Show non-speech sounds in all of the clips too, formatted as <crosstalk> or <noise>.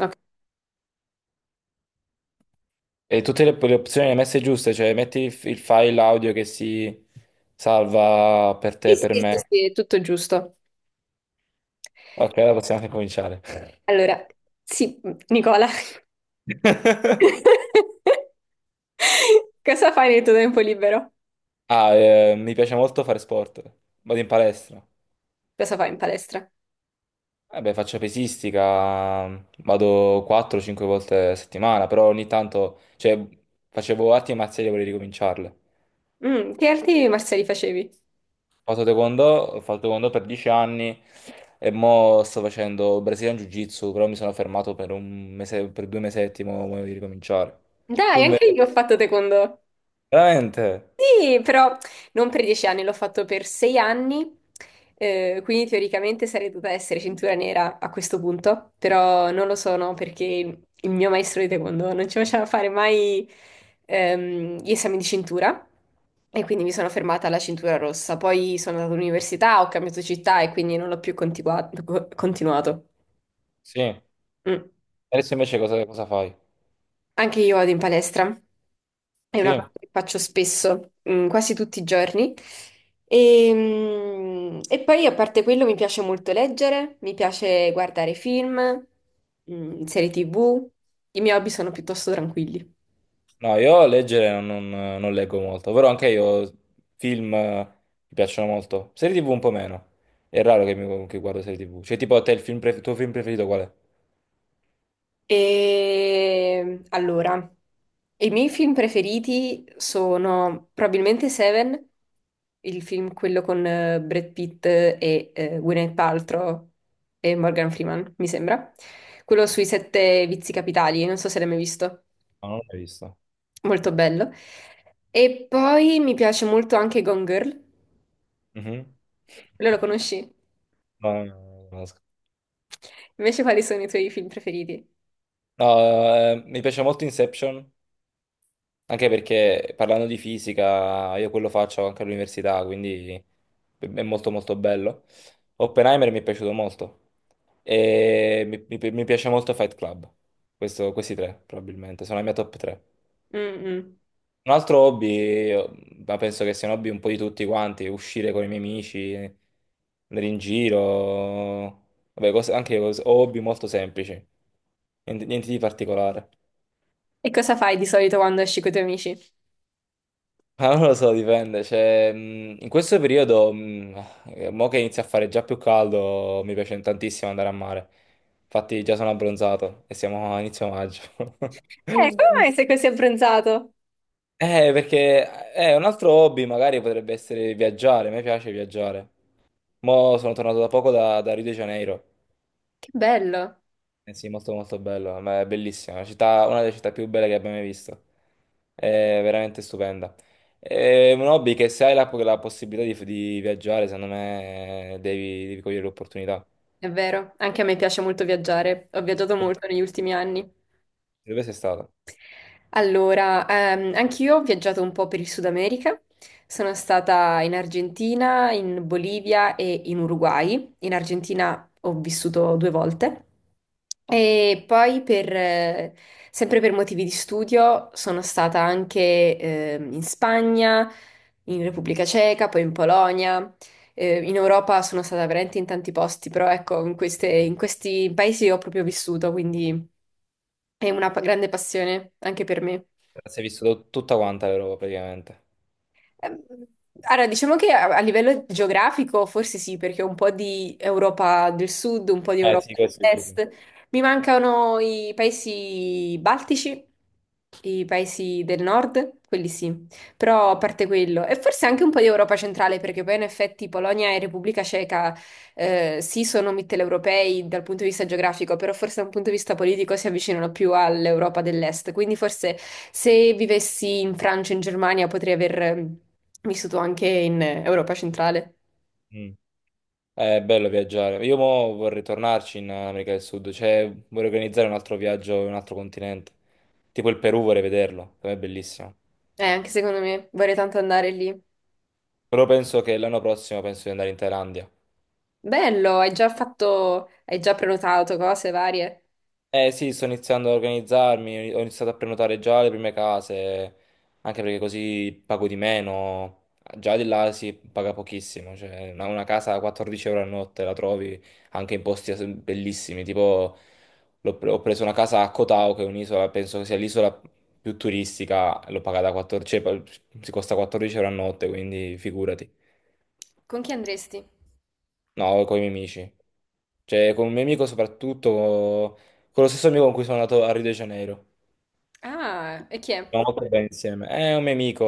Ok. E tutte le opzioni le hai messe giuste, cioè metti il file audio che si salva per Sì, te, sì, per sì, sì, me. sì, è tutto giusto. Ok, allora possiamo anche cominciare. Allora, sì, Nicola, <laughs> <laughs> cosa fai nel tuo tempo libero? Ah, mi piace molto fare sport. Vado in palestra. Cosa fai in palestra? Vabbè, faccio pesistica, vado 4-5 volte a settimana, però ogni tanto, cioè, facevo arti marziali e vorrei ricominciarle. Che arti marziali facevi? Ho fatto taekwondo per 10 anni e mo sto facendo Brazilian Jiu-Jitsu, però mi sono fermato per un mese, per due mesetti, mo voglio di ricominciare. Tu Dai, anche invece? io ho fatto taekwondo. Veramente? Sì, però non per 10 anni, l'ho fatto per 6 anni, quindi teoricamente sarei dovuta essere cintura nera a questo punto, però non lo sono perché il mio maestro di taekwondo non ci faceva fare mai gli esami di cintura, e quindi mi sono fermata alla cintura rossa. Poi sono andata all'università, ho cambiato città e quindi non l'ho più continuato. Sì. Mm. Adesso invece cosa fai? Anche io vado in palestra, è una cosa Sì. che faccio spesso, quasi tutti i giorni. E, e poi, a parte quello, mi piace molto leggere, mi piace guardare film, serie TV. I miei hobby sono piuttosto tranquilli. No, io leggere non leggo molto, però anche io film mi piacciono molto. Serie TV un po' meno. È raro che guardo serie TV. Cioè, tipo a te il tuo film preferito qual è? E allora, i miei film preferiti sono probabilmente Seven, il film quello con Brad Pitt e Gwyneth Paltrow e Morgan Freeman, mi sembra. Quello sui sette vizi capitali, non so se l'hai mai visto, No, non l'ho mai visto. molto bello. E poi mi piace molto anche Gone Girl, Mhm. quello lo conosci? No, no, no, no, no. Invece quali sono i tuoi film preferiti? No, mi piace molto Inception. Anche perché parlando di fisica, io quello faccio anche all'università, quindi è molto molto bello. Oppenheimer mi è piaciuto molto e mi piace molto Fight Club. Questi tre probabilmente sono la mia top 3. Mm, mm. Un altro hobby, ma penso che sia un hobby un po' di tutti quanti, uscire con i miei amici, andare in giro, vabbè, hobby molto semplici, niente niente di particolare. E cosa fai di solito quando esci con i tuoi amici? Ah, non lo so, dipende. Cioè, in questo periodo, mo che inizia a fare già più caldo, mi piace tantissimo andare a mare. Infatti, già sono abbronzato e siamo a inizio maggio. <laughs> Come mai sei così abbronzato? Perché un altro hobby magari potrebbe essere viaggiare. A me piace viaggiare. Mo sono tornato da poco da Rio de Janeiro. Che bello. Eh sì, molto molto bello, ma è bellissima, una delle città più belle che abbia mai visto, è veramente stupenda. È un hobby che se hai la possibilità di viaggiare, secondo me devi cogliere l'opportunità. È vero, anche a me piace molto viaggiare, ho viaggiato molto negli ultimi anni. Dove sei stato? Allora, anch'io ho viaggiato un po' per il Sud America. Sono stata in Argentina, in Bolivia e in Uruguay. In Argentina ho vissuto due volte. E poi, per, sempre per motivi di studio, sono stata anche in Spagna, in Repubblica Ceca, poi in Polonia. In Europa sono stata veramente in tanti posti, però ecco, in in questi paesi ho proprio vissuto, quindi è una grande passione anche per me. Sei visto tutta quanta l'Europa praticamente. Ehm, Allora, diciamo che a livello geografico forse sì, perché ho un po' di Europa del Sud, un po' di Eh sì, Europa questo dico. dell'Est. Mi mancano i paesi baltici, i paesi del Nord, quelli sì, però a parte quello. E forse anche un po' di Europa centrale, perché poi in effetti Polonia e Repubblica Ceca sì, sono mitteleuropei dal punto di vista geografico, però forse da un punto di vista politico si avvicinano più all'Europa dell'Est. Quindi forse se vivessi in Francia, in Germania, potrei aver vissuto anche in Europa centrale. Mm. È bello viaggiare. Io mo vorrei tornarci in America del Sud, cioè vorrei organizzare un altro viaggio in un altro continente, tipo il Perù vorrei vederlo, per me è bellissimo. Anche secondo me vorrei tanto andare lì. Però penso che l'anno prossimo penso di andare in Thailandia. Bello, hai già fatto, hai già prenotato cose varie. Eh sì, sto iniziando a organizzarmi, ho iniziato a prenotare già le prime case, anche perché così pago di meno. Già di là si paga pochissimo, cioè una casa a 14 euro a notte la trovi anche in posti bellissimi, tipo ho preso una casa a Koh Tao, che è un'isola, penso che sia l'isola più turistica, l'ho pagata 14, cioè, si costa 14 euro a notte, quindi figurati. Con chi andresti? No, con i miei amici, cioè con un mio amico soprattutto, con lo stesso amico con cui sono andato a Rio de Janeiro. Ah, e chi è? Ho Stiamo molto bene insieme. È un mio amico,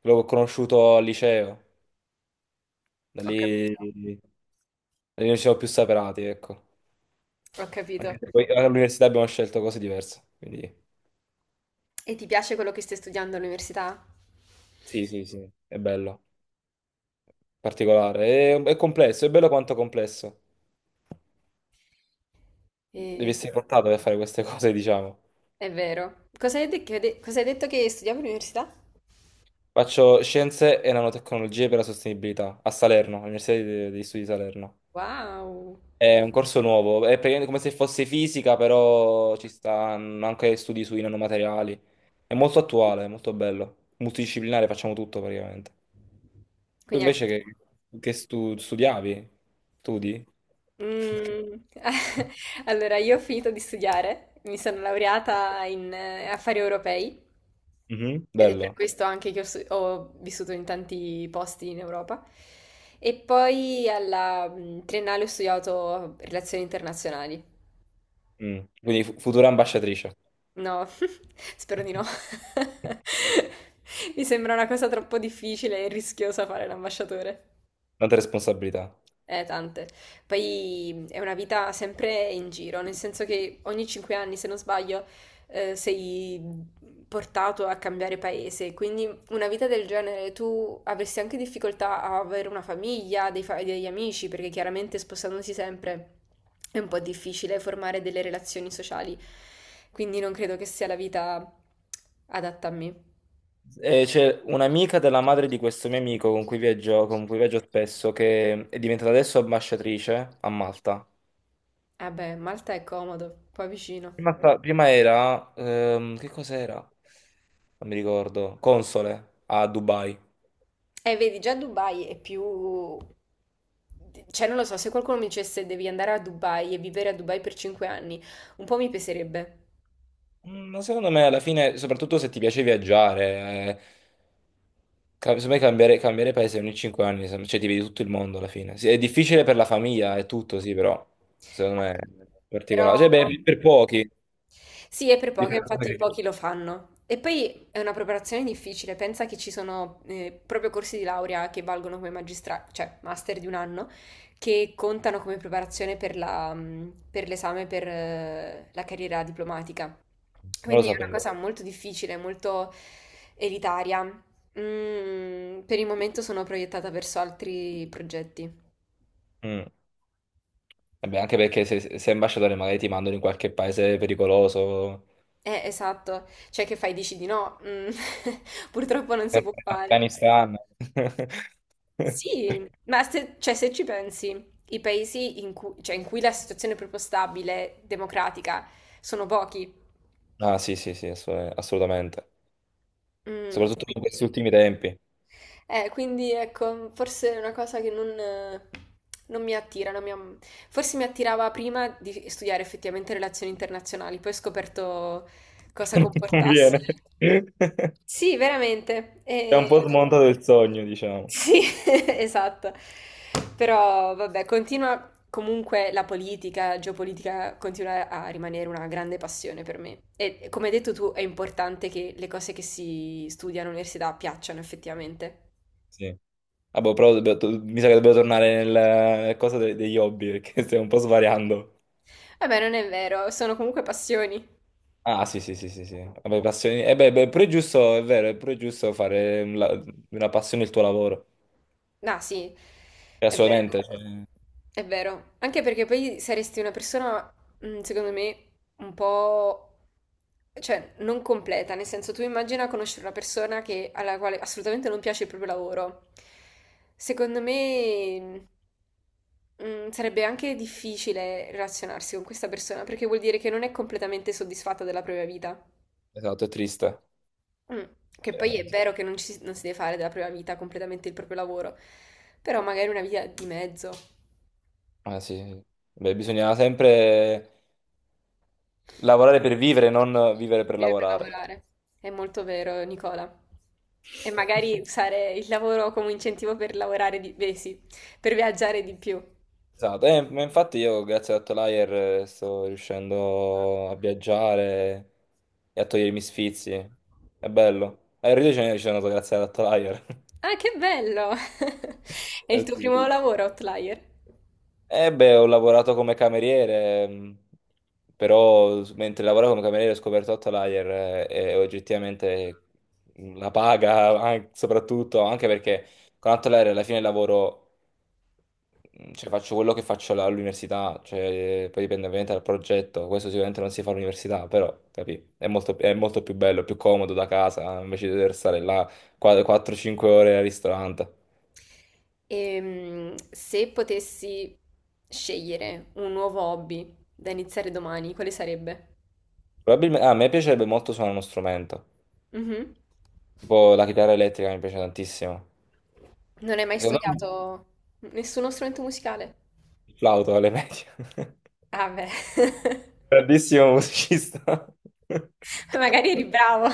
l'ho conosciuto al liceo, da lì, capito, da lì non ci siamo più separati, ecco. ho <laughs> Anche capito. se poi all'università abbiamo scelto cose diverse, quindi E ti piace quello che stai studiando all'università? sì, sì, sì, è bello, particolare. È complesso, è bello quanto complesso. Devi E... essere portato per fare queste cose, diciamo. È vero. Cosa hai cosa hai detto che studiavo all'università? Faccio scienze e nanotecnologie per la sostenibilità a Salerno, all'Università degli Studi di Salerno. Wow. È un corso nuovo, è praticamente come se fosse fisica, però ci stanno anche studi sui nanomateriali. È molto attuale, è molto bello. Multidisciplinare, facciamo tutto praticamente. Tu Quindi anche... invece che studiavi? Studi? <laughs> Mm. <laughs> Allora, io ho finito di studiare, mi sono laureata in affari europei, Mhm. ed è per Bello. questo anche che ho, ho vissuto in tanti posti in Europa. E poi alla triennale ho studiato relazioni internazionali. Mm. Quindi futura ambasciatrice, No, <laughs> spero di no. <laughs> Mi sembra una cosa troppo difficile e rischiosa fare l'ambasciatore. tante responsabilità. Tante. Poi è una vita sempre in giro, nel senso che ogni 5 anni, se non sbaglio, sei portato a cambiare paese. Quindi una vita del genere tu avresti anche difficoltà a avere una famiglia, dei degli amici, perché chiaramente spostandosi sempre è un po' difficile formare delle relazioni sociali. Quindi non credo che sia la vita adatta a me. E c'è un'amica della madre di questo mio amico con cui viaggio spesso, che è diventata adesso ambasciatrice a Malta. Vabbè, Malta è comodo, poi vicino. Prima era, che cos'era? Non mi ricordo, console a Dubai. Vedi, già Dubai è più... Cioè, non lo so, se qualcuno mi dicesse devi andare a Dubai e vivere a Dubai per 5 anni, un po' mi peserebbe. Ma secondo me alla fine, soprattutto se ti piace viaggiare, eh, secondo me cambiare paese ogni 5 anni, cioè ti vedi tutto il mondo alla fine. Sì, è difficile per la famiglia e tutto, sì, però secondo me è Però, particolare. Cioè, beh, per pochi, sì, è per poche, infatti pochi lo fanno. E poi è una preparazione difficile, pensa che ci sono proprio corsi di laurea che valgono come magistra, cioè master di un anno, che contano come preparazione per la, per l'esame per la carriera diplomatica. non lo Quindi è una sapevo. cosa molto difficile, molto elitaria. Per il momento sono proiettata verso altri progetti. Mm. Vabbè, anche perché se sei ambasciatore magari ti mandano in qualche paese pericoloso, Esatto. Cioè, che fai? Dici di no? Mm. <laughs> Purtroppo non si sempre può in fare. Afghanistan. Sì, <laughs> ma se, cioè, se ci pensi, i paesi in cui, cioè, in cui la situazione è proprio stabile, democratica, sono pochi. Ah, sì, sì, sì, assolutamente. Soprattutto in questi Quindi- ultimi tempi. Quindi ecco, forse è una cosa che non, non mi attira, non mi forse mi attirava prima di studiare effettivamente relazioni internazionali, poi ho scoperto <laughs> cosa Non comportasse. conviene. <laughs> Sì, veramente. È un E... po' smontato il sogno, diciamo. Sì, <laughs> esatto. Però vabbè, continua comunque la politica, la geopolitica continua a rimanere una grande passione per me. E come hai detto tu, è importante che le cose che si studiano all'università piacciono effettivamente. Sì. Vabbè, però mi sa che dobbiamo tornare nella cosa degli hobby, perché <laughs> stiamo un po' svariando. Vabbè, non è vero, sono comunque passioni. Ah, sì, sì, sì, sì, sì. Vabbè, passioni. Eh beh, beh, pure è giusto, è vero, è pure giusto fare una passione il tuo lavoro. Ah, sì, è Assolutamente, cioè, vero, è vero. Anche perché poi saresti una persona, secondo me, un po'... cioè, non completa, nel senso tu immagina conoscere una persona che- alla quale assolutamente non piace il proprio lavoro. Secondo me, sarebbe anche difficile relazionarsi con questa persona perché vuol dire che non è completamente soddisfatta della propria vita. esatto, è triste. Mm. Che poi è Eh, vero che non, ci, si non si deve fare della propria vita completamente il proprio lavoro, però magari una vita di mezzo, Ah, sì. Sì. Beh, bisogna sempre lavorare per vivere, non vivere per vive per lavorare. lavorare. È molto vero, Nicola. E magari usare il lavoro come incentivo per lavorare di, beh, sì, per viaggiare di più. Esatto, ma infatti io grazie ad Outlier sto riuscendo a viaggiare e a togliermi sfizi. È bello. E Rio de Janeiro ci sono andato grazie ad Outlier. <laughs> Ah, che bello! <laughs> È il Eh tuo sì. primo lavoro, Outlier. Eh beh, ho lavorato come cameriere, però mentre lavoravo come cameriere ho scoperto Outlier, e oggettivamente, la paga, soprattutto anche perché con Outlier alla fine il lavoro, cioè, faccio quello che faccio all'università, cioè, poi dipende ovviamente dal progetto, questo sicuramente non si fa all'università, però, capì? È molto più bello, più comodo da casa, invece di dover stare là 4-5 ore al ristorante. E se potessi scegliere un nuovo hobby da iniziare domani, quale sarebbe? Probabilmente, a me piacerebbe molto suonare uno strumento, Mhm. tipo la chitarra elettrica mi piace tantissimo. Non hai mai Secondo me studiato nessuno strumento musicale? il flauto alle medie, <laughs> Ah beh, grandissimo musicista. <laughs> magari eri bravo.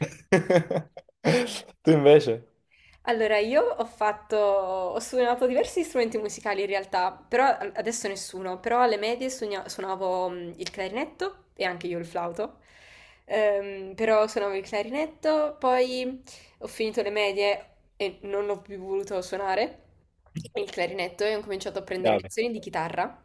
<laughs> Tu invece? Allora, io ho fatto, ho suonato diversi strumenti musicali in realtà, però adesso nessuno, però alle medie suonavo il clarinetto e anche io il flauto. Però suonavo il clarinetto, poi ho finito le medie e non ho più voluto suonare il clarinetto e ho cominciato a prendere Chiave. lezioni di chitarra.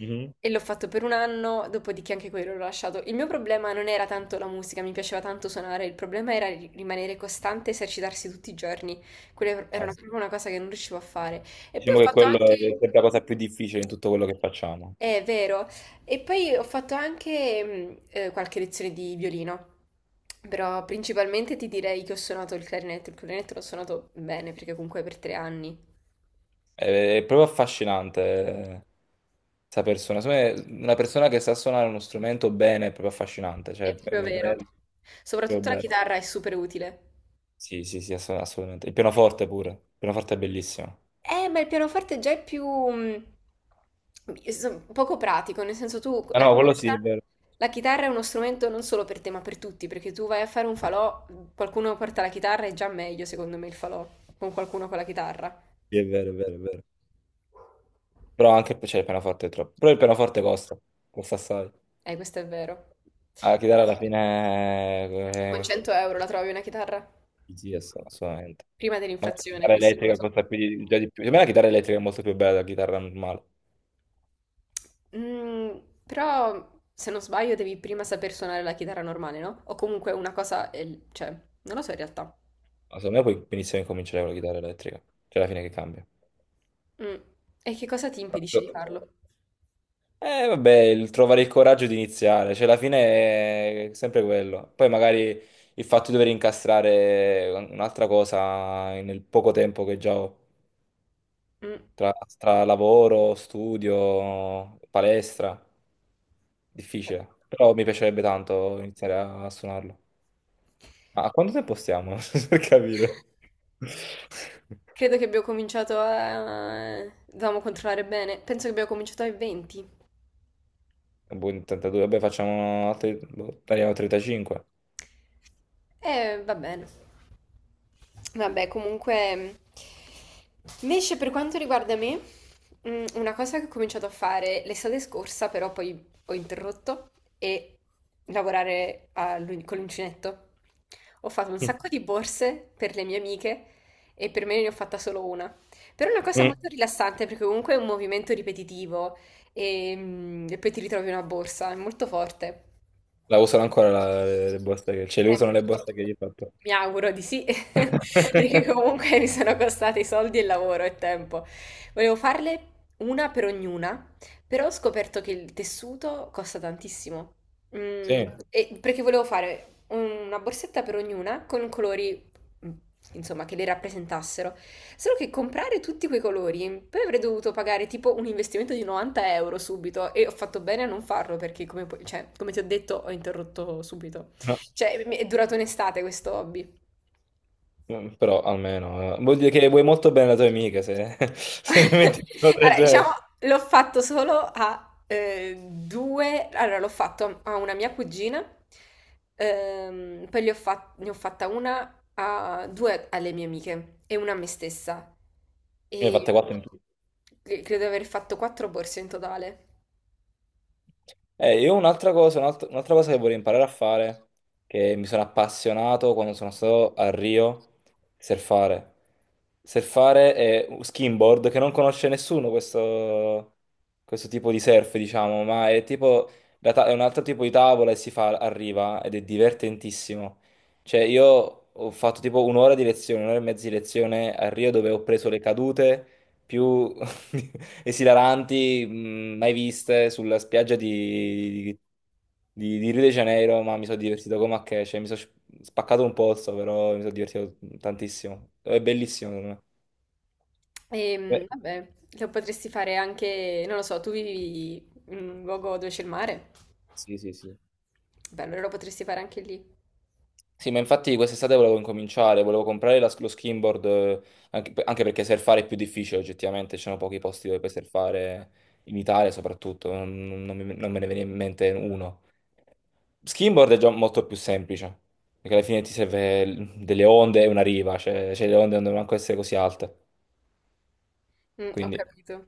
Mhm. E l'ho fatto per un anno, dopodiché anche quello l'ho lasciato. Il mio problema non era tanto la musica, mi piaceva tanto suonare, il problema era rimanere costante, esercitarsi tutti i giorni. Quella era Ah, sì. proprio una cosa che non riuscivo a fare. E poi ho Diciamo che fatto quello anche... è sempre la cosa più difficile in tutto quello che facciamo. È vero. E poi ho fatto anche qualche lezione di violino, però principalmente ti direi che ho suonato il clarinetto. Il clarinetto l'ho suonato bene perché comunque è per 3 anni. È proprio affascinante questa persona. Secondo me, una persona che sa suonare uno strumento bene è proprio affascinante. Cioè, È è, proprio è vero. bello, proprio Soprattutto la bello. chitarra è super utile. Sì, sì, sì, assolutamente. Il pianoforte pure. Il pianoforte è bellissimo. Ma il pianoforte già è più poco pratico, nel senso tu Ah no, quello sì, è vero. la chitarra è uno strumento non solo per te, ma per tutti, perché tu vai a fare un falò, qualcuno porta la chitarra, è già meglio secondo me il falò con qualcuno con la chitarra. Sì, è vero, è vero, è vero. Però anche cioè, il pianoforte è troppo. Però il pianoforte costa assai. Questo è vero. La chitarra alla fine. Con 100 euro la trovi una chitarra? Sì, sì, assolutamente. Prima Ma la dell'inflazione, chitarra adesso non lo elettrica so. costa più di, già di più. Secondo me la chitarra elettrica è molto più bella della chitarra normale. Mm, però, se non sbaglio, devi prima saper suonare la chitarra normale, no? O comunque una cosa, cioè, non lo so in realtà. Ma secondo me puoi benissimo incominciare con la chitarra elettrica. C'è alla fine che cambia. Mm. E che cosa ti impedisce di farlo? Vabbè, il trovare il coraggio di iniziare, cioè alla fine è sempre quello. Poi magari il fatto di dover incastrare un'altra cosa nel poco tempo che già ho, Mm. tra, tra lavoro, studio, palestra, difficile. Però mi piacerebbe tanto iniziare a suonarlo. Ma a quanto tempo stiamo? <laughs> Per capire. Credo che abbiamo cominciato a... dovevamo controllare bene. Penso che abbiamo cominciato ai 20. Boh, in 32, vabbè, facciamo altri, boh, tagliamo 35. Va bene. Vabbè, comunque, invece per quanto riguarda me, una cosa che ho cominciato a fare l'estate scorsa, però poi ho interrotto, è lavorare con l'uncinetto. Ho fatto un sacco di borse per le mie amiche e per me ne ho fatta solo una. Però è una cosa Mm. molto rilassante perché comunque è un movimento ripetitivo e, e poi ti ritrovi una borsa, è molto forte. La usano ancora le buste che. Cioè, le usano le buste che gli ho fatto. Mi auguro di sì, <laughs> perché <laughs> comunque mi sono costati soldi e lavoro e tempo. Volevo farle una per ognuna, però ho scoperto che il tessuto costa tantissimo. Mm, Sì, e perché volevo fare una borsetta per ognuna con colori, mm, insomma, che le rappresentassero. Solo che comprare tutti quei colori, poi avrei dovuto pagare tipo un investimento di 90 euro subito, e ho fatto bene a non farlo perché, come, cioè, come ti ho detto, ho interrotto subito. no. Cioè, è durato un'estate questo hobby. Però almeno, vuol dire che vuoi molto bene la tua amica, se, <laughs> se gli metti un po' del Allora, diciamo, genere. l'ho fatto solo a due... Allora, l'ho fatto a una mia cugina, poi ne ho fatta una a due alle mie amiche e una a me stessa. Ne ho E fatte 4 in tutto. Credo di aver fatto quattro borse in totale. Io un'altra cosa che vorrei imparare a fare, che mi sono appassionato quando sono stato a Rio, surfare. Surfare è un skimboard che non conosce nessuno questo, tipo di surf, diciamo, ma è tipo è un altro tipo di tavola e si fa a riva ed è divertentissimo. Cioè, io ho fatto tipo un'ora di lezione, un'ora e mezza di lezione a Rio dove ho preso le cadute più <laughs> esilaranti, mai viste sulla spiaggia di Rio de Janeiro, ma mi sono divertito come a che, cioè mi sono spaccato un pozzo, però mi sono divertito tantissimo. È bellissimo, secondo me. Eh, E, vabbè, lo potresti fare anche... Non lo so, tu vivi in un luogo dove c'è il mare? Sì, sì, sì. Beh, allora lo potresti fare anche lì. Sì, ma infatti quest'estate volevo incominciare, volevo comprare lo skimboard, anche, anche perché surfare è più difficile oggettivamente, ci sono pochi posti dove puoi surfare, in Italia soprattutto, non me ne viene in mente uno. Skimboard è già molto più semplice, perché alla fine ti serve delle onde e una riva, cioè le onde non devono manco essere così alte, Ho quindi capito.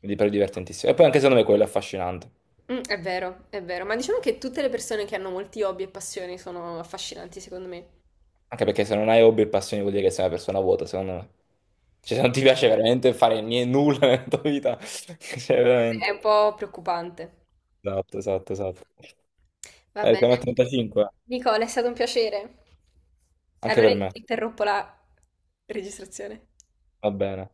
mi pare divertentissimo. E poi anche secondo me quello è affascinante. È vero, ma diciamo che tutte le persone che hanno molti hobby e passioni sono affascinanti, secondo me. Anche perché se non hai hobby e passioni vuol dire che sei una persona vuota, secondo me. Cioè, se non ti piace veramente fare niente, nulla nella tua vita, <laughs> cioè, È veramente. un po' preoccupante. Esatto, esatto, esatto. Va Siamo a bene. 35, Nicola, è stato un piacere. anche Allora per me. interrompo la registrazione. Va bene.